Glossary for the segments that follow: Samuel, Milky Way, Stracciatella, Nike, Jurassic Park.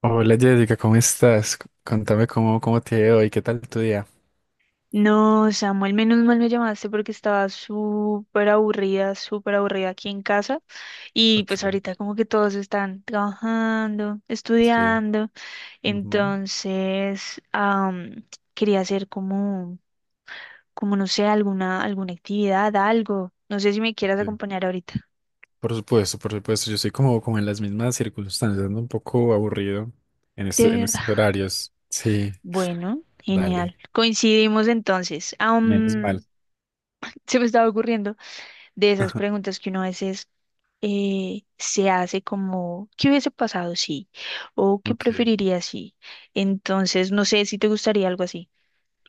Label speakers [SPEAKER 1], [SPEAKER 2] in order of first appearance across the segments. [SPEAKER 1] Hola Jessica, ¿cómo estás? Contame cómo te ha ido hoy, qué tal tu día.
[SPEAKER 2] No, Samuel, menos mal me llamaste porque estaba súper aburrida aquí en casa. Y
[SPEAKER 1] Ok,
[SPEAKER 2] pues ahorita como que todos están trabajando,
[SPEAKER 1] sí,
[SPEAKER 2] estudiando.
[SPEAKER 1] ujú,
[SPEAKER 2] Entonces, quería hacer como, como no sé, alguna actividad, algo. No sé si me quieras
[SPEAKER 1] sí.
[SPEAKER 2] acompañar ahorita.
[SPEAKER 1] Por supuesto, yo estoy como en las mismas circunstancias, ando un poco aburrido en
[SPEAKER 2] De verdad.
[SPEAKER 1] estos horarios. Sí,
[SPEAKER 2] Bueno,
[SPEAKER 1] dale,
[SPEAKER 2] genial. Coincidimos entonces.
[SPEAKER 1] menos mal.
[SPEAKER 2] Se me estaba ocurriendo de esas preguntas que uno a veces, se hace como, ¿qué hubiese pasado si? ¿O qué
[SPEAKER 1] Ok,
[SPEAKER 2] preferiría si? Entonces, no sé si te gustaría algo así.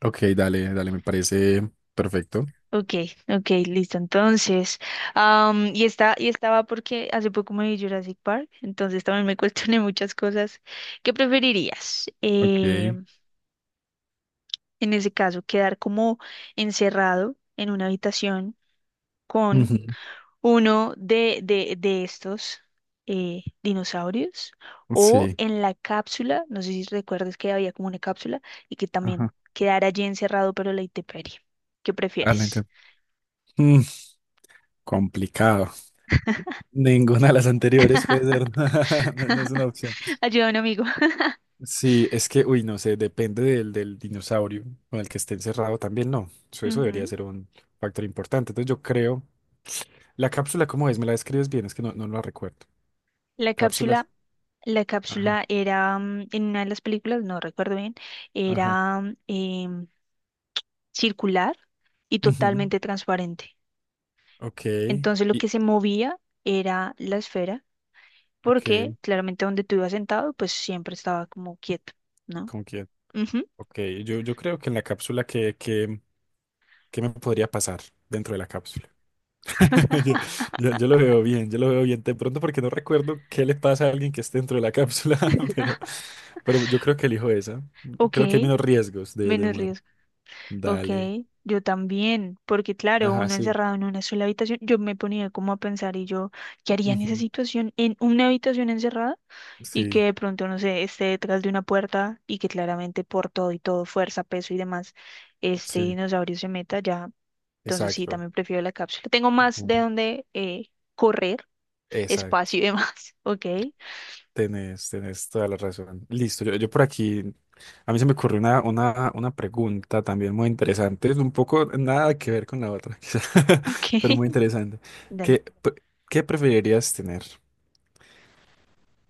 [SPEAKER 1] ok, dale, dale, me parece perfecto.
[SPEAKER 2] Ok, ok, listo. Entonces, y estaba porque hace poco me vi Jurassic Park, entonces también me cuestioné muchas cosas. ¿Qué preferirías?
[SPEAKER 1] Ok,
[SPEAKER 2] En ese caso, quedar como encerrado en una habitación con
[SPEAKER 1] ujú,
[SPEAKER 2] uno de estos dinosaurios, o
[SPEAKER 1] sí,
[SPEAKER 2] en la cápsula, no sé si recuerdas que había como una cápsula y que también
[SPEAKER 1] ajá,
[SPEAKER 2] quedara allí encerrado pero a la intemperie. ¿Qué
[SPEAKER 1] adelante.
[SPEAKER 2] prefieres?
[SPEAKER 1] Mm, Complicado. Ninguna de las anteriores puede ser, no, no es una opción.
[SPEAKER 2] Ayuda a un amigo.
[SPEAKER 1] Sí, uy, no sé, depende del dinosaurio con el que esté encerrado también, no. Eso debería
[SPEAKER 2] Ujú.
[SPEAKER 1] ser un factor importante. Entonces yo creo, la cápsula, ¿cómo es? ¿Me la describes bien? Es que no, no la recuerdo.
[SPEAKER 2] La
[SPEAKER 1] Cápsulas.
[SPEAKER 2] cápsula, la
[SPEAKER 1] Ajá,
[SPEAKER 2] cápsula era en una de las películas, no recuerdo bien,
[SPEAKER 1] ajá.
[SPEAKER 2] era circular y
[SPEAKER 1] Ujú,
[SPEAKER 2] totalmente transparente.
[SPEAKER 1] ok.
[SPEAKER 2] Entonces lo
[SPEAKER 1] Y,
[SPEAKER 2] que se movía era la esfera, porque
[SPEAKER 1] ok,
[SPEAKER 2] claramente donde tú ibas sentado, pues siempre estaba como quieto, ¿no?
[SPEAKER 1] ¿con quién?
[SPEAKER 2] Ujú.
[SPEAKER 1] Ok, yo creo que en la cápsula, ¿qué me podría pasar dentro de la cápsula? Yo, yo lo veo bien, yo lo veo bien. De pronto porque no recuerdo qué le pasa a alguien que esté dentro de la cápsula, pero, pero yo creo que elijo esa.
[SPEAKER 2] Ok,
[SPEAKER 1] Creo que hay menos riesgos de
[SPEAKER 2] menos
[SPEAKER 1] muerte.
[SPEAKER 2] riesgo. Ok,
[SPEAKER 1] Dale.
[SPEAKER 2] yo también, porque claro,
[SPEAKER 1] Ajá,
[SPEAKER 2] uno
[SPEAKER 1] sí.
[SPEAKER 2] encerrado en una sola habitación, yo me ponía como a pensar y yo, ¿qué haría en esa
[SPEAKER 1] Ujú.
[SPEAKER 2] situación? En una habitación encerrada y que
[SPEAKER 1] Sí,
[SPEAKER 2] de pronto, no sé, esté detrás de una puerta y que claramente por todo y todo, fuerza, peso y demás, este
[SPEAKER 1] sí,
[SPEAKER 2] dinosaurio se meta ya. Entonces sí,
[SPEAKER 1] exacto.
[SPEAKER 2] también prefiero la cápsula. Tengo más de
[SPEAKER 1] Ujú.
[SPEAKER 2] dónde, correr,
[SPEAKER 1] Exacto.
[SPEAKER 2] espacio y demás. Ok,
[SPEAKER 1] Tenés, tenés toda la razón. Listo, yo por aquí, a mí se me ocurrió una pregunta también muy interesante. Es un poco nada que ver con la otra, quizá, pero
[SPEAKER 2] ok.
[SPEAKER 1] muy interesante.
[SPEAKER 2] Dale.
[SPEAKER 1] ¿Qué, pre- ¿qué preferirías tener?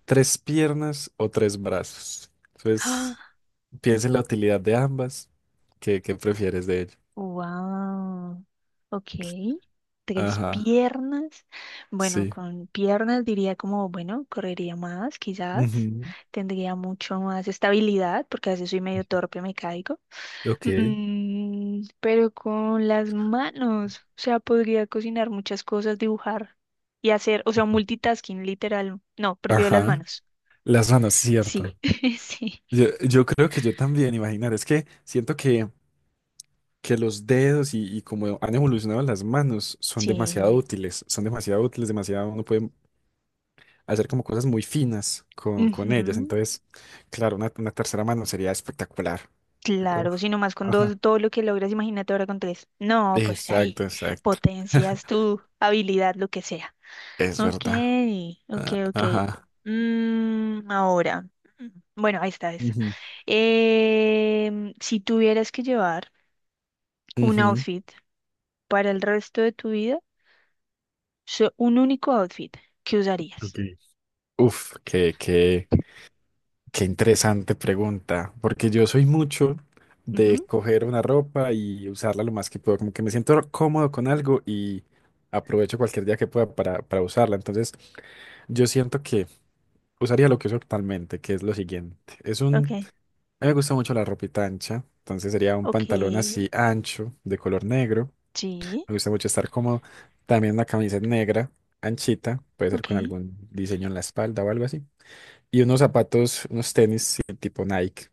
[SPEAKER 1] Tres piernas o tres brazos. Entonces, piensa en la utilidad de ambas. ¿Qué prefieres de ello?
[SPEAKER 2] Wow. Ok. Tres
[SPEAKER 1] Ajá,
[SPEAKER 2] piernas. Bueno,
[SPEAKER 1] sí.
[SPEAKER 2] con piernas diría como, bueno, correría más, quizás.
[SPEAKER 1] Ujú,
[SPEAKER 2] Tendría mucho más estabilidad, porque a veces soy medio torpe, me caigo.
[SPEAKER 1] ok.
[SPEAKER 2] Pero con las manos, o sea, podría cocinar muchas cosas, dibujar y hacer, o sea, multitasking, literal. No, prefiero las
[SPEAKER 1] Ajá.
[SPEAKER 2] manos.
[SPEAKER 1] Las manos, cierto.
[SPEAKER 2] Sí, sí,
[SPEAKER 1] Yo creo que yo también, imaginar, es que siento que los dedos y como han evolucionado las manos
[SPEAKER 2] sí.
[SPEAKER 1] son demasiado útiles, demasiado, uno puede hacer como cosas muy finas con ellas.
[SPEAKER 2] Ujú.
[SPEAKER 1] Entonces, claro, una tercera mano sería espectacular.
[SPEAKER 2] Claro,
[SPEAKER 1] Uf,
[SPEAKER 2] si más con
[SPEAKER 1] ajá.
[SPEAKER 2] dos, todo lo que logras, imagínate ahora con tres. No, pues ahí
[SPEAKER 1] Exacto, exacto.
[SPEAKER 2] potencias tu habilidad, lo que sea.
[SPEAKER 1] Es
[SPEAKER 2] Ok,
[SPEAKER 1] verdad.
[SPEAKER 2] ok,
[SPEAKER 1] Ah,
[SPEAKER 2] ok.
[SPEAKER 1] ajá.
[SPEAKER 2] Ahora, bueno, ahí está esa.
[SPEAKER 1] Ujú,
[SPEAKER 2] Si tuvieras que llevar un
[SPEAKER 1] ujú.
[SPEAKER 2] outfit para el resto de tu vida, un único outfit, ¿qué usarías?
[SPEAKER 1] Ok. Uf, qué, qué, qué interesante pregunta, porque yo soy mucho de
[SPEAKER 2] Ujú.
[SPEAKER 1] coger una ropa y usarla lo más que puedo, como que me siento cómodo con algo y aprovecho cualquier día que pueda para usarla. Entonces, yo siento que usaría lo que uso actualmente, que es lo siguiente.
[SPEAKER 2] Ok,
[SPEAKER 1] A mí me gusta mucho la ropita ancha, entonces sería un pantalón
[SPEAKER 2] ok,
[SPEAKER 1] así ancho, de color negro.
[SPEAKER 2] sí,
[SPEAKER 1] Me gusta mucho estar cómodo. También una camiseta negra, anchita, puede ser
[SPEAKER 2] ok.
[SPEAKER 1] con algún diseño en la espalda o algo así. Y unos zapatos, unos tenis sí, tipo Nike.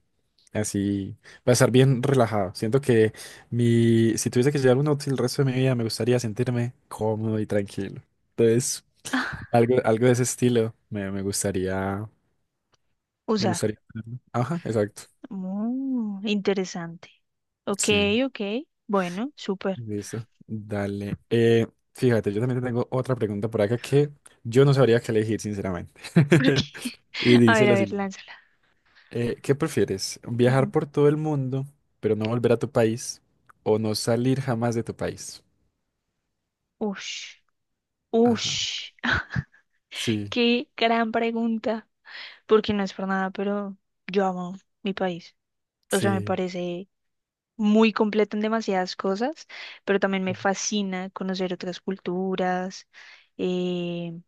[SPEAKER 1] Así, para estar bien relajado. Siento que si tuviese que llevar un outfit el resto de mi vida, me gustaría sentirme cómodo y tranquilo. Entonces, algo, algo de ese estilo me gustaría, me
[SPEAKER 2] Usar.
[SPEAKER 1] gustaría tenerlo. Ajá, exacto.
[SPEAKER 2] Oh, interesante. Ok,
[SPEAKER 1] Sí.
[SPEAKER 2] ok. Bueno, súper.
[SPEAKER 1] Listo, dale. Fíjate, yo también te tengo otra pregunta por acá que yo no sabría qué elegir, sinceramente.
[SPEAKER 2] Porque,
[SPEAKER 1] Y dice
[SPEAKER 2] a
[SPEAKER 1] lo
[SPEAKER 2] ver,
[SPEAKER 1] siguiente.
[SPEAKER 2] lánzala.
[SPEAKER 1] ¿Qué prefieres? ¿Viajar
[SPEAKER 2] Ujú.
[SPEAKER 1] por todo el mundo, pero no volver a tu país? ¿O no salir jamás de tu país?
[SPEAKER 2] Ush,
[SPEAKER 1] Ajá.
[SPEAKER 2] ush.
[SPEAKER 1] Sí,
[SPEAKER 2] Qué gran pregunta. Porque no es por nada, pero yo amo mi país. O sea, me
[SPEAKER 1] sí.
[SPEAKER 2] parece muy completo en demasiadas cosas, pero también me fascina conocer otras culturas, eh,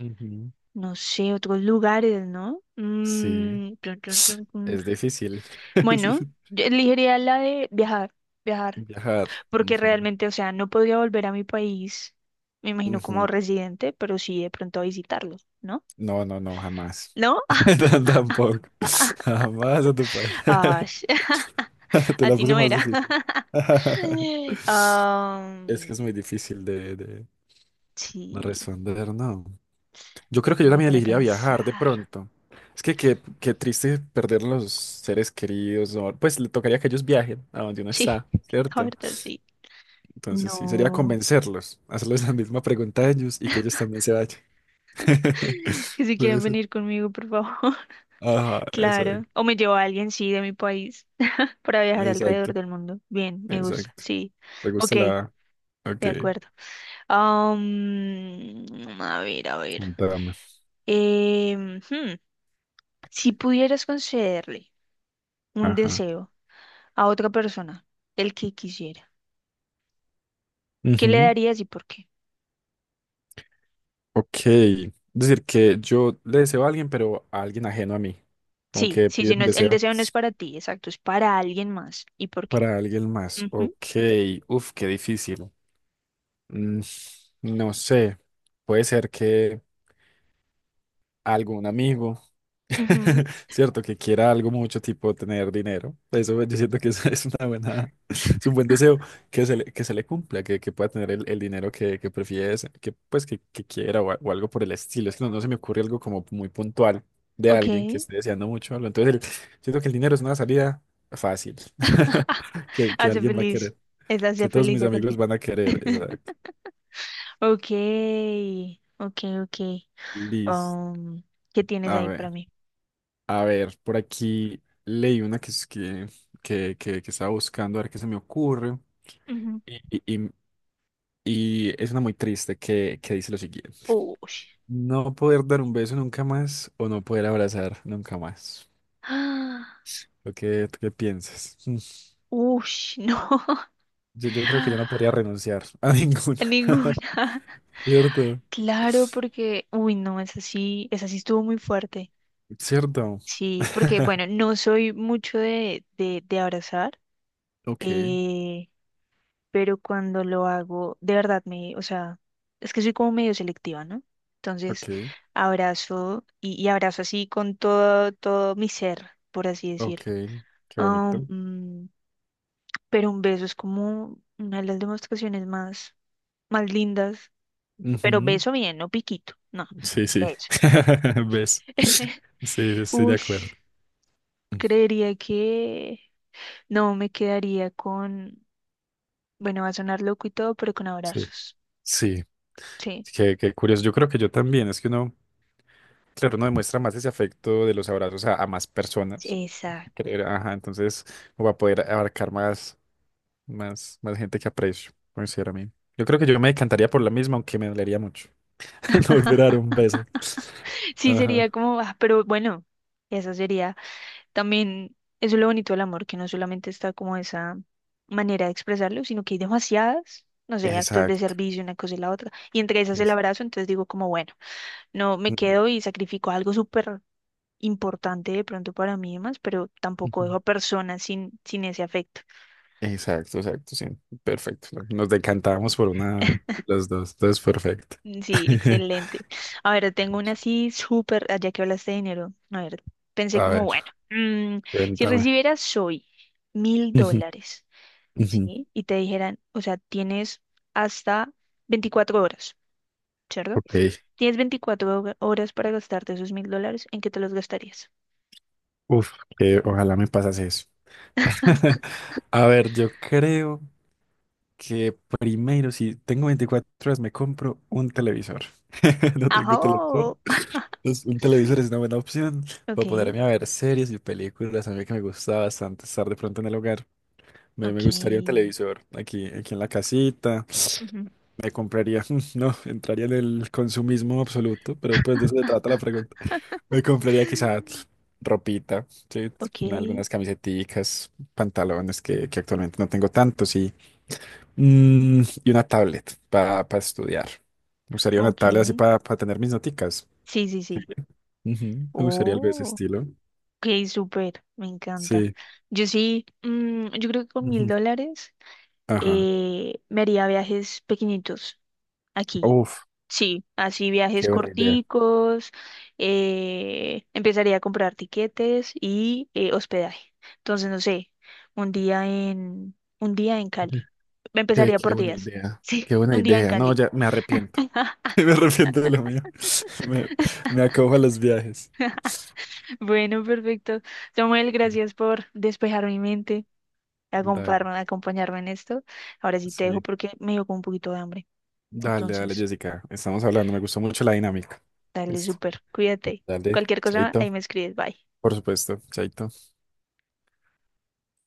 [SPEAKER 1] Ujú.
[SPEAKER 2] no sé, otros lugares, ¿no?
[SPEAKER 1] Sí.
[SPEAKER 2] Mm, tun, tun, tun, tun.
[SPEAKER 1] Es difícil.
[SPEAKER 2] Bueno, yo elegiría la de viajar, viajar,
[SPEAKER 1] Viajar.
[SPEAKER 2] porque
[SPEAKER 1] Ujú.
[SPEAKER 2] realmente, o sea, no podría volver a mi país, me imagino como
[SPEAKER 1] Ujú.
[SPEAKER 2] residente, pero sí de pronto a visitarlo, ¿no?
[SPEAKER 1] No, no, no, jamás.
[SPEAKER 2] ¿No?
[SPEAKER 1] Tampoco. Jamás a tu país.
[SPEAKER 2] Ah,
[SPEAKER 1] Te
[SPEAKER 2] a
[SPEAKER 1] la
[SPEAKER 2] ti
[SPEAKER 1] puse
[SPEAKER 2] no
[SPEAKER 1] más
[SPEAKER 2] era.
[SPEAKER 1] difícil. Es que
[SPEAKER 2] Am,
[SPEAKER 1] es muy difícil de
[SPEAKER 2] sí,
[SPEAKER 1] responder, ¿no? Yo creo que yo
[SPEAKER 2] no me
[SPEAKER 1] también
[SPEAKER 2] pone a
[SPEAKER 1] elegiría viajar de
[SPEAKER 2] pensar.
[SPEAKER 1] pronto. Es que qué triste perder los seres queridos. Pues le tocaría que ellos viajen a donde uno
[SPEAKER 2] Sí,
[SPEAKER 1] está,
[SPEAKER 2] la
[SPEAKER 1] ¿cierto?
[SPEAKER 2] verdad sí.
[SPEAKER 1] Entonces sí, sería
[SPEAKER 2] No.
[SPEAKER 1] convencerlos, hacerles la misma pregunta a ellos y que ellos también se vayan.
[SPEAKER 2] Que si
[SPEAKER 1] Puede
[SPEAKER 2] quieren
[SPEAKER 1] ser.
[SPEAKER 2] venir conmigo, por favor.
[SPEAKER 1] Ajá,
[SPEAKER 2] Claro.
[SPEAKER 1] exacto.
[SPEAKER 2] O me llevo a alguien, sí, de mi país, para viajar alrededor
[SPEAKER 1] Exacto.
[SPEAKER 2] del mundo. Bien, me gusta,
[SPEAKER 1] Exacto.
[SPEAKER 2] sí.
[SPEAKER 1] ¿Te
[SPEAKER 2] Ok,
[SPEAKER 1] gusta la...? Ok,
[SPEAKER 2] de acuerdo. Am, a ver, a ver.
[SPEAKER 1] un drama.
[SPEAKER 2] Em, hmm, Si pudieras concederle un
[SPEAKER 1] Ajá.
[SPEAKER 2] deseo a otra persona, el que quisiera, ¿qué le darías y por qué?
[SPEAKER 1] Ok, es decir, que yo le deseo a alguien, pero a alguien ajeno a mí. Como
[SPEAKER 2] Sí,
[SPEAKER 1] que
[SPEAKER 2] sí,
[SPEAKER 1] pide
[SPEAKER 2] sí,
[SPEAKER 1] un
[SPEAKER 2] no es, el
[SPEAKER 1] deseo
[SPEAKER 2] deseo no es para ti, exacto, es para alguien más. ¿Y por qué?
[SPEAKER 1] para alguien más. Ok,
[SPEAKER 2] Ujú,
[SPEAKER 1] uf, qué difícil. Mm, no sé, puede ser que... algún amigo,
[SPEAKER 2] ujú.
[SPEAKER 1] ¿cierto? Que quiera algo mucho tipo tener dinero. Eso yo siento que eso es una buena, es un buen deseo que se le cumpla, que pueda tener el dinero que prefiere, que que quiera o algo por el estilo. Es que no, no se me ocurre algo como muy puntual de
[SPEAKER 2] Ok.
[SPEAKER 1] alguien que esté deseando mucho algo. Entonces, siento que el dinero es una salida fácil que
[SPEAKER 2] Hace
[SPEAKER 1] alguien va a
[SPEAKER 2] feliz.
[SPEAKER 1] querer,
[SPEAKER 2] Es hace
[SPEAKER 1] que todos
[SPEAKER 2] feliz
[SPEAKER 1] mis
[SPEAKER 2] a
[SPEAKER 1] amigos
[SPEAKER 2] cualquiera.
[SPEAKER 1] van a querer. Exacto.
[SPEAKER 2] Ok, ok, ok.
[SPEAKER 1] Listo.
[SPEAKER 2] Am, ¿Qué tienes
[SPEAKER 1] A
[SPEAKER 2] ahí para
[SPEAKER 1] ver.
[SPEAKER 2] mí?
[SPEAKER 1] A ver, por aquí leí una que, es que estaba buscando, a ver qué se me ocurre. Y, y- y- y es una muy triste que dice lo siguiente.
[SPEAKER 2] Ush.
[SPEAKER 1] No poder dar un beso nunca más o no poder abrazar nunca más.
[SPEAKER 2] Ah,
[SPEAKER 1] ¿Lo que, tú qué piensas? Mm,
[SPEAKER 2] ush, no.
[SPEAKER 1] yo creo que yo no podría renunciar a ninguna.
[SPEAKER 2] Ninguna.
[SPEAKER 1] ¿Cierto?
[SPEAKER 2] Claro, porque, uy, no, esa sí estuvo muy fuerte.
[SPEAKER 1] ¿Cierto?
[SPEAKER 2] Sí, porque, bueno, no soy mucho de abrazar,
[SPEAKER 1] Ok,
[SPEAKER 2] eh, pero cuando lo hago, de verdad me, o sea, es que soy como medio selectiva, ¿no? Entonces,
[SPEAKER 1] ok,
[SPEAKER 2] abrazo y abrazo así con todo, todo mi ser, por así
[SPEAKER 1] ok.
[SPEAKER 2] decirlo.
[SPEAKER 1] Qué
[SPEAKER 2] Ah,
[SPEAKER 1] bonito.
[SPEAKER 2] pero un beso es como una de las demostraciones más, más lindas, pero
[SPEAKER 1] Ujú.
[SPEAKER 2] beso bien, no piquito, no,
[SPEAKER 1] Sí, sí.
[SPEAKER 2] beso.
[SPEAKER 1] ¿Ves? Sí, sí, estoy de acuerdo.
[SPEAKER 2] Ush, creería que no me quedaría con, bueno, va a sonar loco y todo, pero con
[SPEAKER 1] Sí.
[SPEAKER 2] abrazos.
[SPEAKER 1] Sí,
[SPEAKER 2] Sí,
[SPEAKER 1] qué, qué curioso. Yo creo que yo también. Es que uno, claro, uno demuestra más ese afecto de los abrazos a más personas.
[SPEAKER 2] exacto.
[SPEAKER 1] Creo, ajá, entonces uno va a poder abarcar más, más gente que aprecio, considero a mí. Yo creo que yo me encantaría por la misma, aunque me dolería mucho. No volver a dar un beso.
[SPEAKER 2] Sí
[SPEAKER 1] Ajá.
[SPEAKER 2] sería como, ah, pero bueno, eso sería también, eso es lo bonito del amor, que no solamente está como esa manera de expresarlo, sino que hay demasiadas. No sé, actos de
[SPEAKER 1] Exacto.
[SPEAKER 2] servicio, una cosa y la otra. Y entre esas el
[SPEAKER 1] Es-
[SPEAKER 2] abrazo, entonces digo como, bueno, no me quedo y sacrifico algo súper importante de pronto para mí y demás, pero tampoco
[SPEAKER 1] Ujú.
[SPEAKER 2] dejo a personas sin ese afecto.
[SPEAKER 1] Exacto, exacto, sí. Perfecto. Nos decantábamos por una, los dos. Entonces, perfecto.
[SPEAKER 2] Sí, excelente. A ver, tengo una así súper, ah, ya que hablaste de dinero, a ver, pensé
[SPEAKER 1] A
[SPEAKER 2] como,
[SPEAKER 1] ver,
[SPEAKER 2] bueno, si
[SPEAKER 1] cuéntame.
[SPEAKER 2] recibieras hoy mil
[SPEAKER 1] Ujú,
[SPEAKER 2] dólares,
[SPEAKER 1] ujú.
[SPEAKER 2] ¿sí? Y te dijeran, o sea, tienes hasta 24 horas, ¿cierto?
[SPEAKER 1] Ok.
[SPEAKER 2] Tienes horas para gastarte esos $1000, ¿en qué te los gastarías?
[SPEAKER 1] Uf, que ojalá me pasase eso. A ver, yo creo que primero, si tengo 24 horas, me compro un televisor. No tengo televisor.
[SPEAKER 2] ¡Ajo!
[SPEAKER 1] Entonces, un televisor es una buena opción para
[SPEAKER 2] Ok,
[SPEAKER 1] poderme a ver series y películas. A mí que me gusta bastante estar de pronto en el hogar. Me gustaría un
[SPEAKER 2] ok,
[SPEAKER 1] televisor aquí, aquí en la casita.
[SPEAKER 2] ujú.
[SPEAKER 1] Me compraría, no, entraría en el consumismo absoluto, pero pues de eso se trata la pregunta. Me compraría quizás ropita, sí,
[SPEAKER 2] Ok,
[SPEAKER 1] algunas camiseticas, pantalones que actualmente no tengo tantos y, mm, y una tablet para estudiar. Me gustaría una
[SPEAKER 2] ok.
[SPEAKER 1] tablet así para tener mis noticas.
[SPEAKER 2] Sí, sí,
[SPEAKER 1] Sí.
[SPEAKER 2] sí.
[SPEAKER 1] Ujú, me gustaría algo de ese
[SPEAKER 2] Oh,
[SPEAKER 1] estilo.
[SPEAKER 2] ok, súper. Me encanta.
[SPEAKER 1] Sí.
[SPEAKER 2] Yo sí, yo creo que con mil
[SPEAKER 1] Ujú.
[SPEAKER 2] dólares
[SPEAKER 1] Ajá.
[SPEAKER 2] me haría viajes pequeñitos aquí.
[SPEAKER 1] Uf,
[SPEAKER 2] Sí, así viajes
[SPEAKER 1] qué buena idea.
[SPEAKER 2] corticos. Empezaría a comprar tiquetes y, hospedaje. Entonces, no sé, un día en Cali.
[SPEAKER 1] Qué,
[SPEAKER 2] Empezaría
[SPEAKER 1] qué
[SPEAKER 2] por
[SPEAKER 1] buena
[SPEAKER 2] días.
[SPEAKER 1] idea,
[SPEAKER 2] Sí,
[SPEAKER 1] qué buena
[SPEAKER 2] un día en
[SPEAKER 1] idea. No,
[SPEAKER 2] Cali.
[SPEAKER 1] ya me arrepiento. Me arrepiento de lo mío. Me, Me acojo a los viajes.
[SPEAKER 2] Bueno, perfecto. Samuel, gracias por despejar mi mente,
[SPEAKER 1] Dale,
[SPEAKER 2] acompañarme, acompañarme en esto. Ahora sí te dejo
[SPEAKER 1] sí.
[SPEAKER 2] porque me dio como un poquito de hambre.
[SPEAKER 1] Dale, dale,
[SPEAKER 2] Entonces,
[SPEAKER 1] Jessica. Estamos hablando. Me gustó mucho la dinámica.
[SPEAKER 2] dale
[SPEAKER 1] Listo.
[SPEAKER 2] súper, cuídate.
[SPEAKER 1] Dale,
[SPEAKER 2] Cualquier cosa, ahí
[SPEAKER 1] chaito.
[SPEAKER 2] me escribes, bye.
[SPEAKER 1] Por supuesto, chaito.